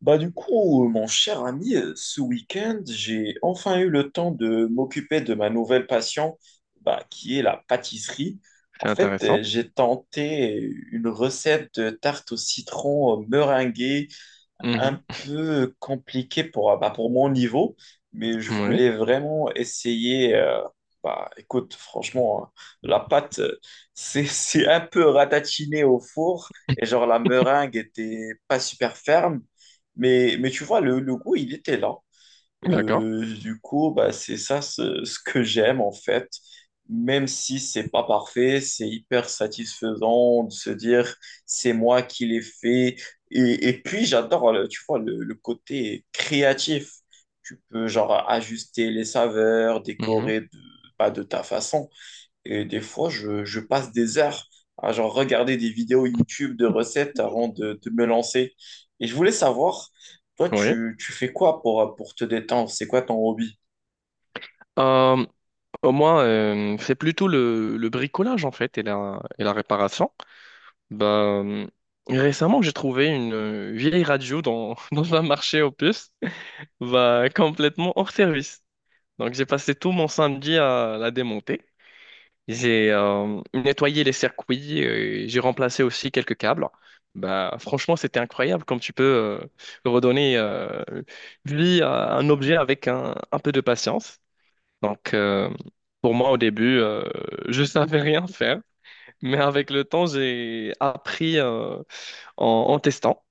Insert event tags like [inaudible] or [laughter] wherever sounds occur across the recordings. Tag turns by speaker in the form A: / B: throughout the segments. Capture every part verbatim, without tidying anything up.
A: Bah du coup, euh, mon cher ami, euh, ce week-end, j'ai enfin eu le temps de m'occuper de ma nouvelle passion, bah, qui est la pâtisserie. En
B: C'est
A: fait, euh,
B: intéressant.
A: j'ai tenté une recette de tarte au citron euh, meringuée un
B: Mhm.
A: peu compliqué pour, euh, bah, pour mon niveau, mais je
B: Oui,
A: voulais vraiment essayer. Euh, bah, écoute, franchement, hein, la pâte, euh, [laughs] c'est, c'est un peu ratatiné au four et
B: [laughs]
A: genre la meringue était pas super ferme, mais, mais tu vois, le, le goût, il était là.
B: d'accord.
A: Euh, du coup, bah, c'est ça ce, ce que j'aime en fait. Même si c'est pas parfait, c'est hyper satisfaisant de se dire c'est moi qui l'ai fait. Et, et puis j'adore, le- tu vois, le, le côté créatif. Tu peux genre ajuster les saveurs,
B: Mhm.
A: décorer de, pas de ta façon. Et des fois, je, je passe des heures à genre regarder des vidéos YouTube de recettes avant de, de me lancer. Et je voulais savoir, toi,
B: Oui.
A: tu, tu fais quoi pour, pour te détendre? C'est quoi ton hobby?
B: Euh, Moi, euh, c'est plutôt le, le bricolage en fait et la, et la réparation. Bah, euh, Récemment, j'ai trouvé une euh, vieille radio dans, [laughs] dans un marché aux puces, bah, complètement hors service. Donc, j'ai passé tout mon samedi à la démonter. J'ai euh, nettoyé les circuits, euh, j'ai remplacé aussi quelques câbles. Bah, franchement, c'était incroyable comme tu peux euh, redonner euh, vie à un objet avec un, un peu de patience. Donc, euh, pour moi, au début, euh, je savais rien faire, mais avec le temps, j'ai appris euh, en, en testant,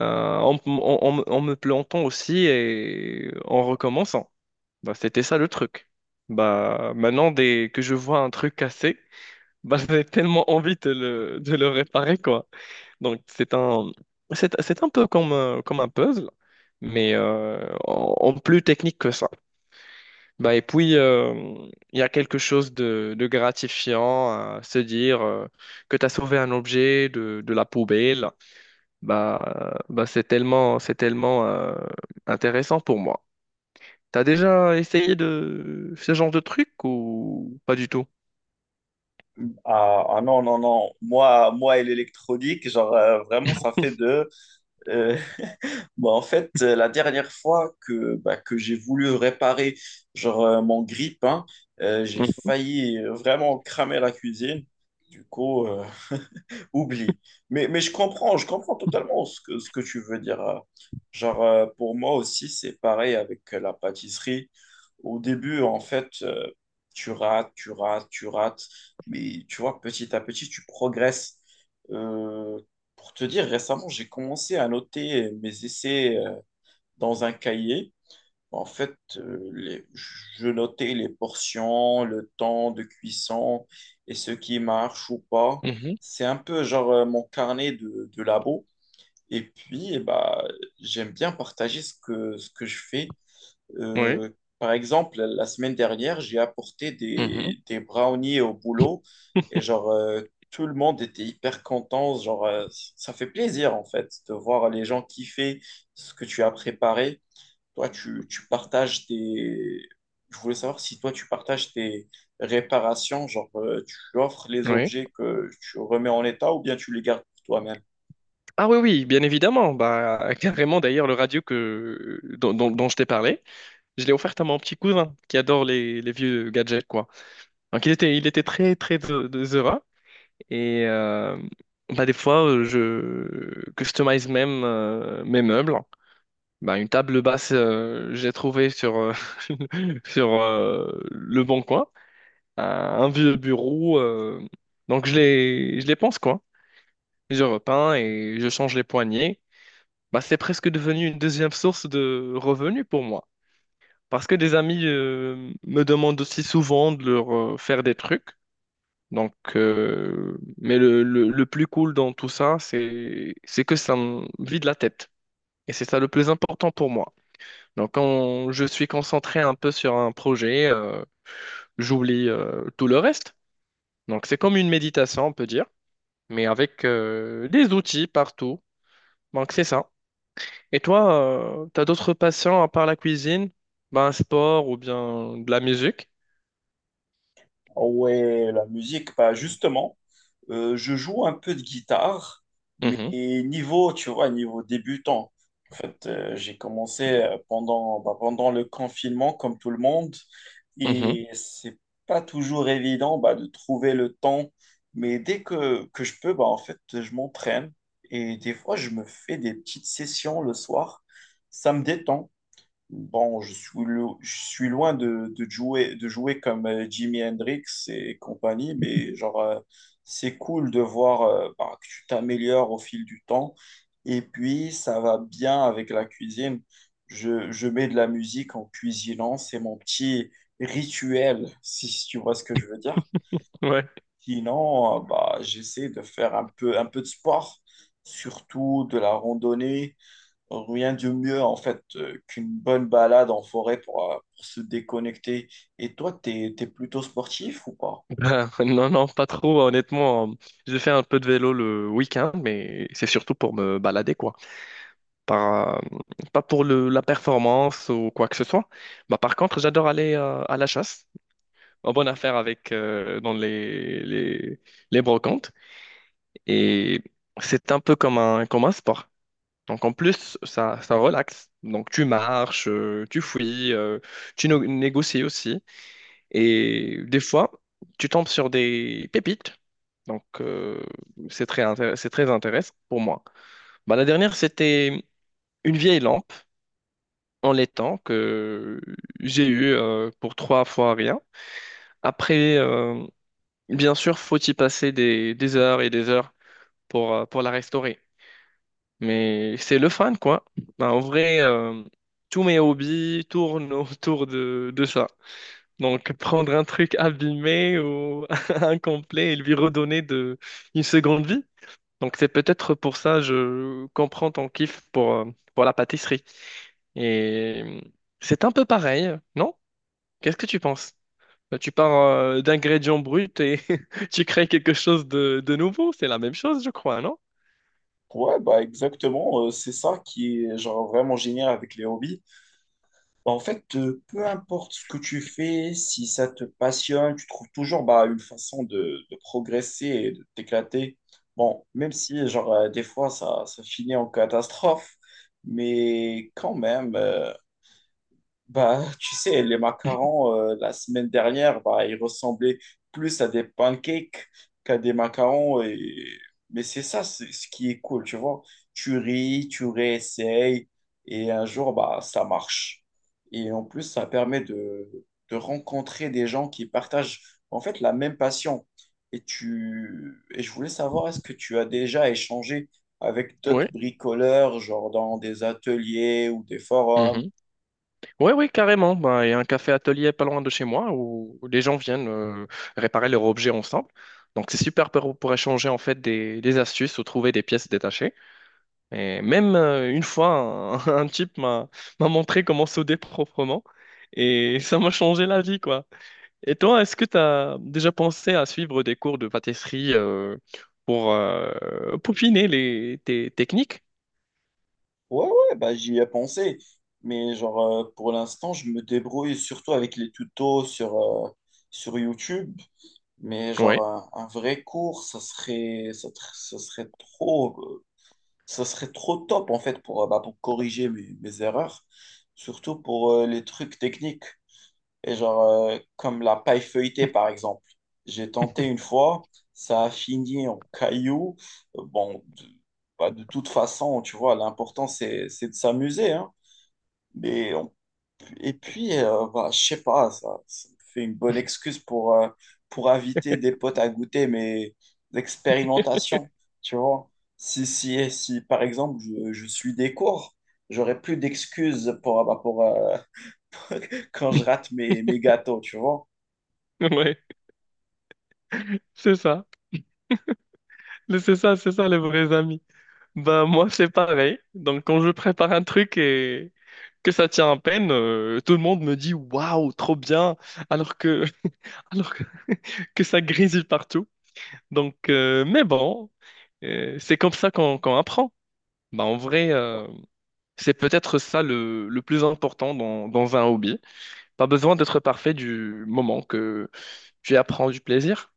B: euh, en, en- en- en me plantant aussi et en recommençant. Bah, c'était ça le truc. Bah, maintenant, dès que je vois un truc cassé, bah, j'avais tellement envie de le, de le réparer, quoi. Donc, c'est un, c'est, c'est un peu comme, un- comme un puzzle, mais euh, en, en plus technique que ça. Bah, et puis, euh, il y a quelque chose de, de gratifiant à se dire euh, que tu as sauvé un objet de, de la poubelle. Bah, euh, Bah, c'est tellement, c'est tellement euh, intéressant pour moi. T'as déjà essayé de ce genre de truc ou pas du tout?
A: Ah, ah non, non, non. Moi, moi et l'électronique, genre, euh, vraiment, ça fait de. euh, [laughs] Bah, en fait, euh, la dernière fois que, bah, que j'ai voulu réparer genre, euh, mon grille-pain, euh, j'ai
B: Mhm.
A: failli euh, vraiment cramer la cuisine. Du coup, euh, oublie. Mais, mais je comprends, je comprends totalement ce que, ce que tu veux dire. euh. Genre, euh, pour moi aussi, c'est pareil avec euh, la pâtisserie. Au début, en fait, euh, tu rates, tu rates, tu rates. Mais tu vois, petit à petit, tu progresses. Euh, pour te dire, récemment, j'ai commencé à noter mes essais euh, dans un cahier. En fait, euh, les- je notais les portions, le temps de cuisson et ce qui marche ou pas.
B: Mhm.
A: C'est un peu genre euh, mon carnet de, de labo. Et puis, eh bah, j'aime bien partager ce que, ce que je fais.
B: Oui.
A: Euh, Par exemple, la semaine dernière, j'ai apporté
B: Mhm.
A: des, des brownies au boulot et genre euh, tout le monde était hyper content. Genre, euh, ça fait plaisir en fait de voir les gens kiffer ce que tu as préparé. Toi, tu, tu partages tes. Je voulais savoir si toi, tu partages tes réparations, genre euh, tu offres les
B: Oui.
A: objets que tu remets en état ou bien tu les gardes pour toi-même.
B: Ah oui, oui, bien évidemment. Bah, [laughs] carrément, d'ailleurs, le radio que, dont, dont- dont je t'ai parlé, je l'ai offert à mon petit cousin qui adore les, les vieux gadgets, quoi. Donc, il était, il était très, très de- de- heureux. Et euh, bah, des fois, euh, je customise même euh, mes meubles. Bah, une table basse, euh, j'ai trouvé sur, euh, [laughs] sur euh, le bon coin, un un vieux bureau. Euh, donc, je les, je les pense, quoi. Je repeins et je change les poignées. Bah, c'est presque devenu une deuxième source de revenus pour moi. Parce que des amis euh, me demandent aussi souvent de leur euh, faire des trucs. Donc, euh, mais le, le- le plus cool dans tout ça, c'est, c'est que ça me vide la tête. Et c'est ça le plus important pour moi. Donc, quand je suis concentré un peu sur un projet, euh, j'oublie euh, tout le reste. Donc, c'est comme une méditation, on peut dire, mais avec euh, des outils partout. Donc, c'est ça. Et toi, tu t'as d'autres passions à part la cuisine? Ben, un sport ou bien de la musique?
A: Ah ouais, la musique, bah justement, euh, je joue un peu de guitare,
B: Mhm,
A: mais niveau, tu vois, niveau débutant. En fait, euh, j'ai commencé euh, pendant, bah, pendant le confinement, comme tout le monde,
B: mhm,
A: et c'est pas toujours évident bah, de trouver le temps. Mais dès que, que je peux, bah, en fait, je m'entraîne et des fois, je me fais des petites sessions le soir. Ça me détend. Bon, je suis, lo- je suis loin de, de jouer, de jouer comme euh, Jimi Hendrix et compagnie, mais genre, euh, c'est cool de voir euh, bah, que tu t'améliores au fil du temps. Et puis, ça va bien avec la cuisine. Je, je mets de la musique en cuisinant, c'est mon petit rituel, si si tu vois ce que je veux dire.
B: ouais.
A: Sinon, euh, bah, j'essaie de faire un peu, un peu de sport, surtout de la randonnée. Rien de mieux en fait euh, qu'une bonne balade en forêt pour, euh, pour se déconnecter. Et toi, t'es, t'es plutôt sportif ou pas?
B: Ben, [laughs] non, non, pas trop, honnêtement. Hein. J'ai fait un peu de vélo le week-end, mais c'est surtout pour me balader, quoi. Pas, Pas pour le, la performance ou quoi que ce soit. Ben, par contre, j'adore aller euh, à la chasse. En bonne affaire avec euh, dans les, les, les brocantes. Et c'est un peu comme un, comme un sport. Donc en plus, ça, ça relaxe. Donc tu marches, euh, tu fouilles, euh, tu no- négocies aussi. Et des fois, tu tombes sur des pépites. Donc euh, c'est très, intér- c'est très intéressant pour moi. Bah, la dernière, c'était une vieille lampe en laiton que j'ai eu euh, pour trois fois rien. Après, euh, bien sûr, faut y passer des, des heures et des heures pour, euh, pour la restaurer. Mais c'est le fun quoi. Ben, en vrai, euh, tous mes hobbies tournent [laughs] autour de, de ça. Donc, prendre un truc abîmé ou [laughs] incomplet et lui redonner de, une seconde vie. Donc, c'est peut-être pour ça je comprends ton kiff pour, euh, pour la pâtisserie. Et euh, c'est un peu pareil, non? Qu'est-ce que tu penses? Ben, tu pars euh, d'ingrédients bruts et [laughs] tu crées quelque chose de, de nouveau. C'est la même chose, je crois, non?
A: Ouais, bah exactement, euh, c'est ça qui est genre vraiment génial avec les hobbies. Bah, en fait, euh, peu importe ce que tu fais, si ça te passionne, tu trouves toujours bah, une façon de, de progresser et de t'éclater. Bon, même si genre euh, des fois ça, ça finit en catastrophe, mais quand même. euh, Bah, tu sais, les macarons, euh, la semaine dernière, bah, ils ressemblaient plus à des pancakes qu'à des macarons. Et... Mais c'est ça, c'est ce qui est cool, tu vois. Tu ris, tu réessayes, et un jour, bah, ça marche. Et en plus, ça permet de, de rencontrer des gens qui partagent, en fait, la même passion. Et tu... Et je voulais savoir, est-ce que tu as déjà échangé avec
B: Oui.
A: d'autres bricoleurs, genre dans des ateliers ou des forums?
B: Oui, oui, carrément. Ben, il y a un café atelier pas loin de chez moi où, où les gens viennent euh, réparer leurs objets ensemble. Donc c'est super pour, pour échanger en fait des, des astuces ou trouver des pièces détachées. Et même euh, une fois, un, [laughs] un type m'a m'a montré comment souder [laughs] proprement et ça m'a changé la vie quoi. Et toi, est-ce que tu as déjà pensé à suivre des cours de pâtisserie euh, pour euh, peaufiner les, tes techniques?
A: Ouais, ouais, bah, j'y ai pensé. Mais genre, euh, pour l'instant, je me débrouille surtout avec les tutos sur, euh, sur YouTube. Mais genre,
B: Oui,
A: un, un vrai cours, ça serait, ça, tr- ça serait trop, euh, ça serait trop top, en fait, pour, euh, bah, pour corriger mes, mes erreurs. Surtout pour euh, les trucs techniques. Et genre, euh, comme la paille feuilletée, par exemple. J'ai tenté une fois, ça a fini en cailloux. Euh, Bon, de, bah, de toute façon, tu vois, l'important, c'est, c'est de s'amuser, hein. Mais on- et puis, euh, bah, je sais pas, ça, ça me fait une bonne
B: [laughs]
A: excuse pour, euh, pour inviter des potes à goûter mes expérimentations, tu vois. Si, si, si, par exemple, je, je suis des cours, j'aurais plus d'excuses pour, bah, pour euh, [laughs] quand je rate mes, mes gâteaux, tu vois.
B: ouais, ouais, c'est ça. C'est ça, c'est ça les vrais amis. Bah moi c'est pareil. Donc quand je prépare un truc et que ça tient à peine, euh, tout le monde me dit waouh, trop bien, alors que [laughs] alors que, que ça grésille partout. Donc euh, mais bon, euh, c'est comme ça qu'on qu'on apprend. Bah en vrai, euh, c'est peut-être ça le, le plus important dans, dans un hobby. Pas besoin d'être parfait du moment que tu apprends du plaisir.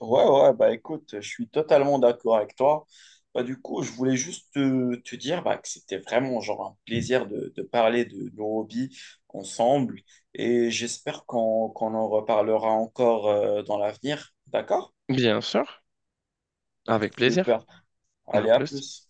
A: Ouais, ouais, bah écoute, je suis totalement d'accord avec toi. Bah, du coup, je voulais juste te, te dire bah, que c'était vraiment genre un plaisir de, de parler de nos hobbies ensemble et j'espère qu'on qu'on en reparlera encore euh, dans l'avenir. D'accord?
B: Bien sûr, avec plaisir.
A: Super.
B: À
A: Allez, à
B: plus.
A: plus.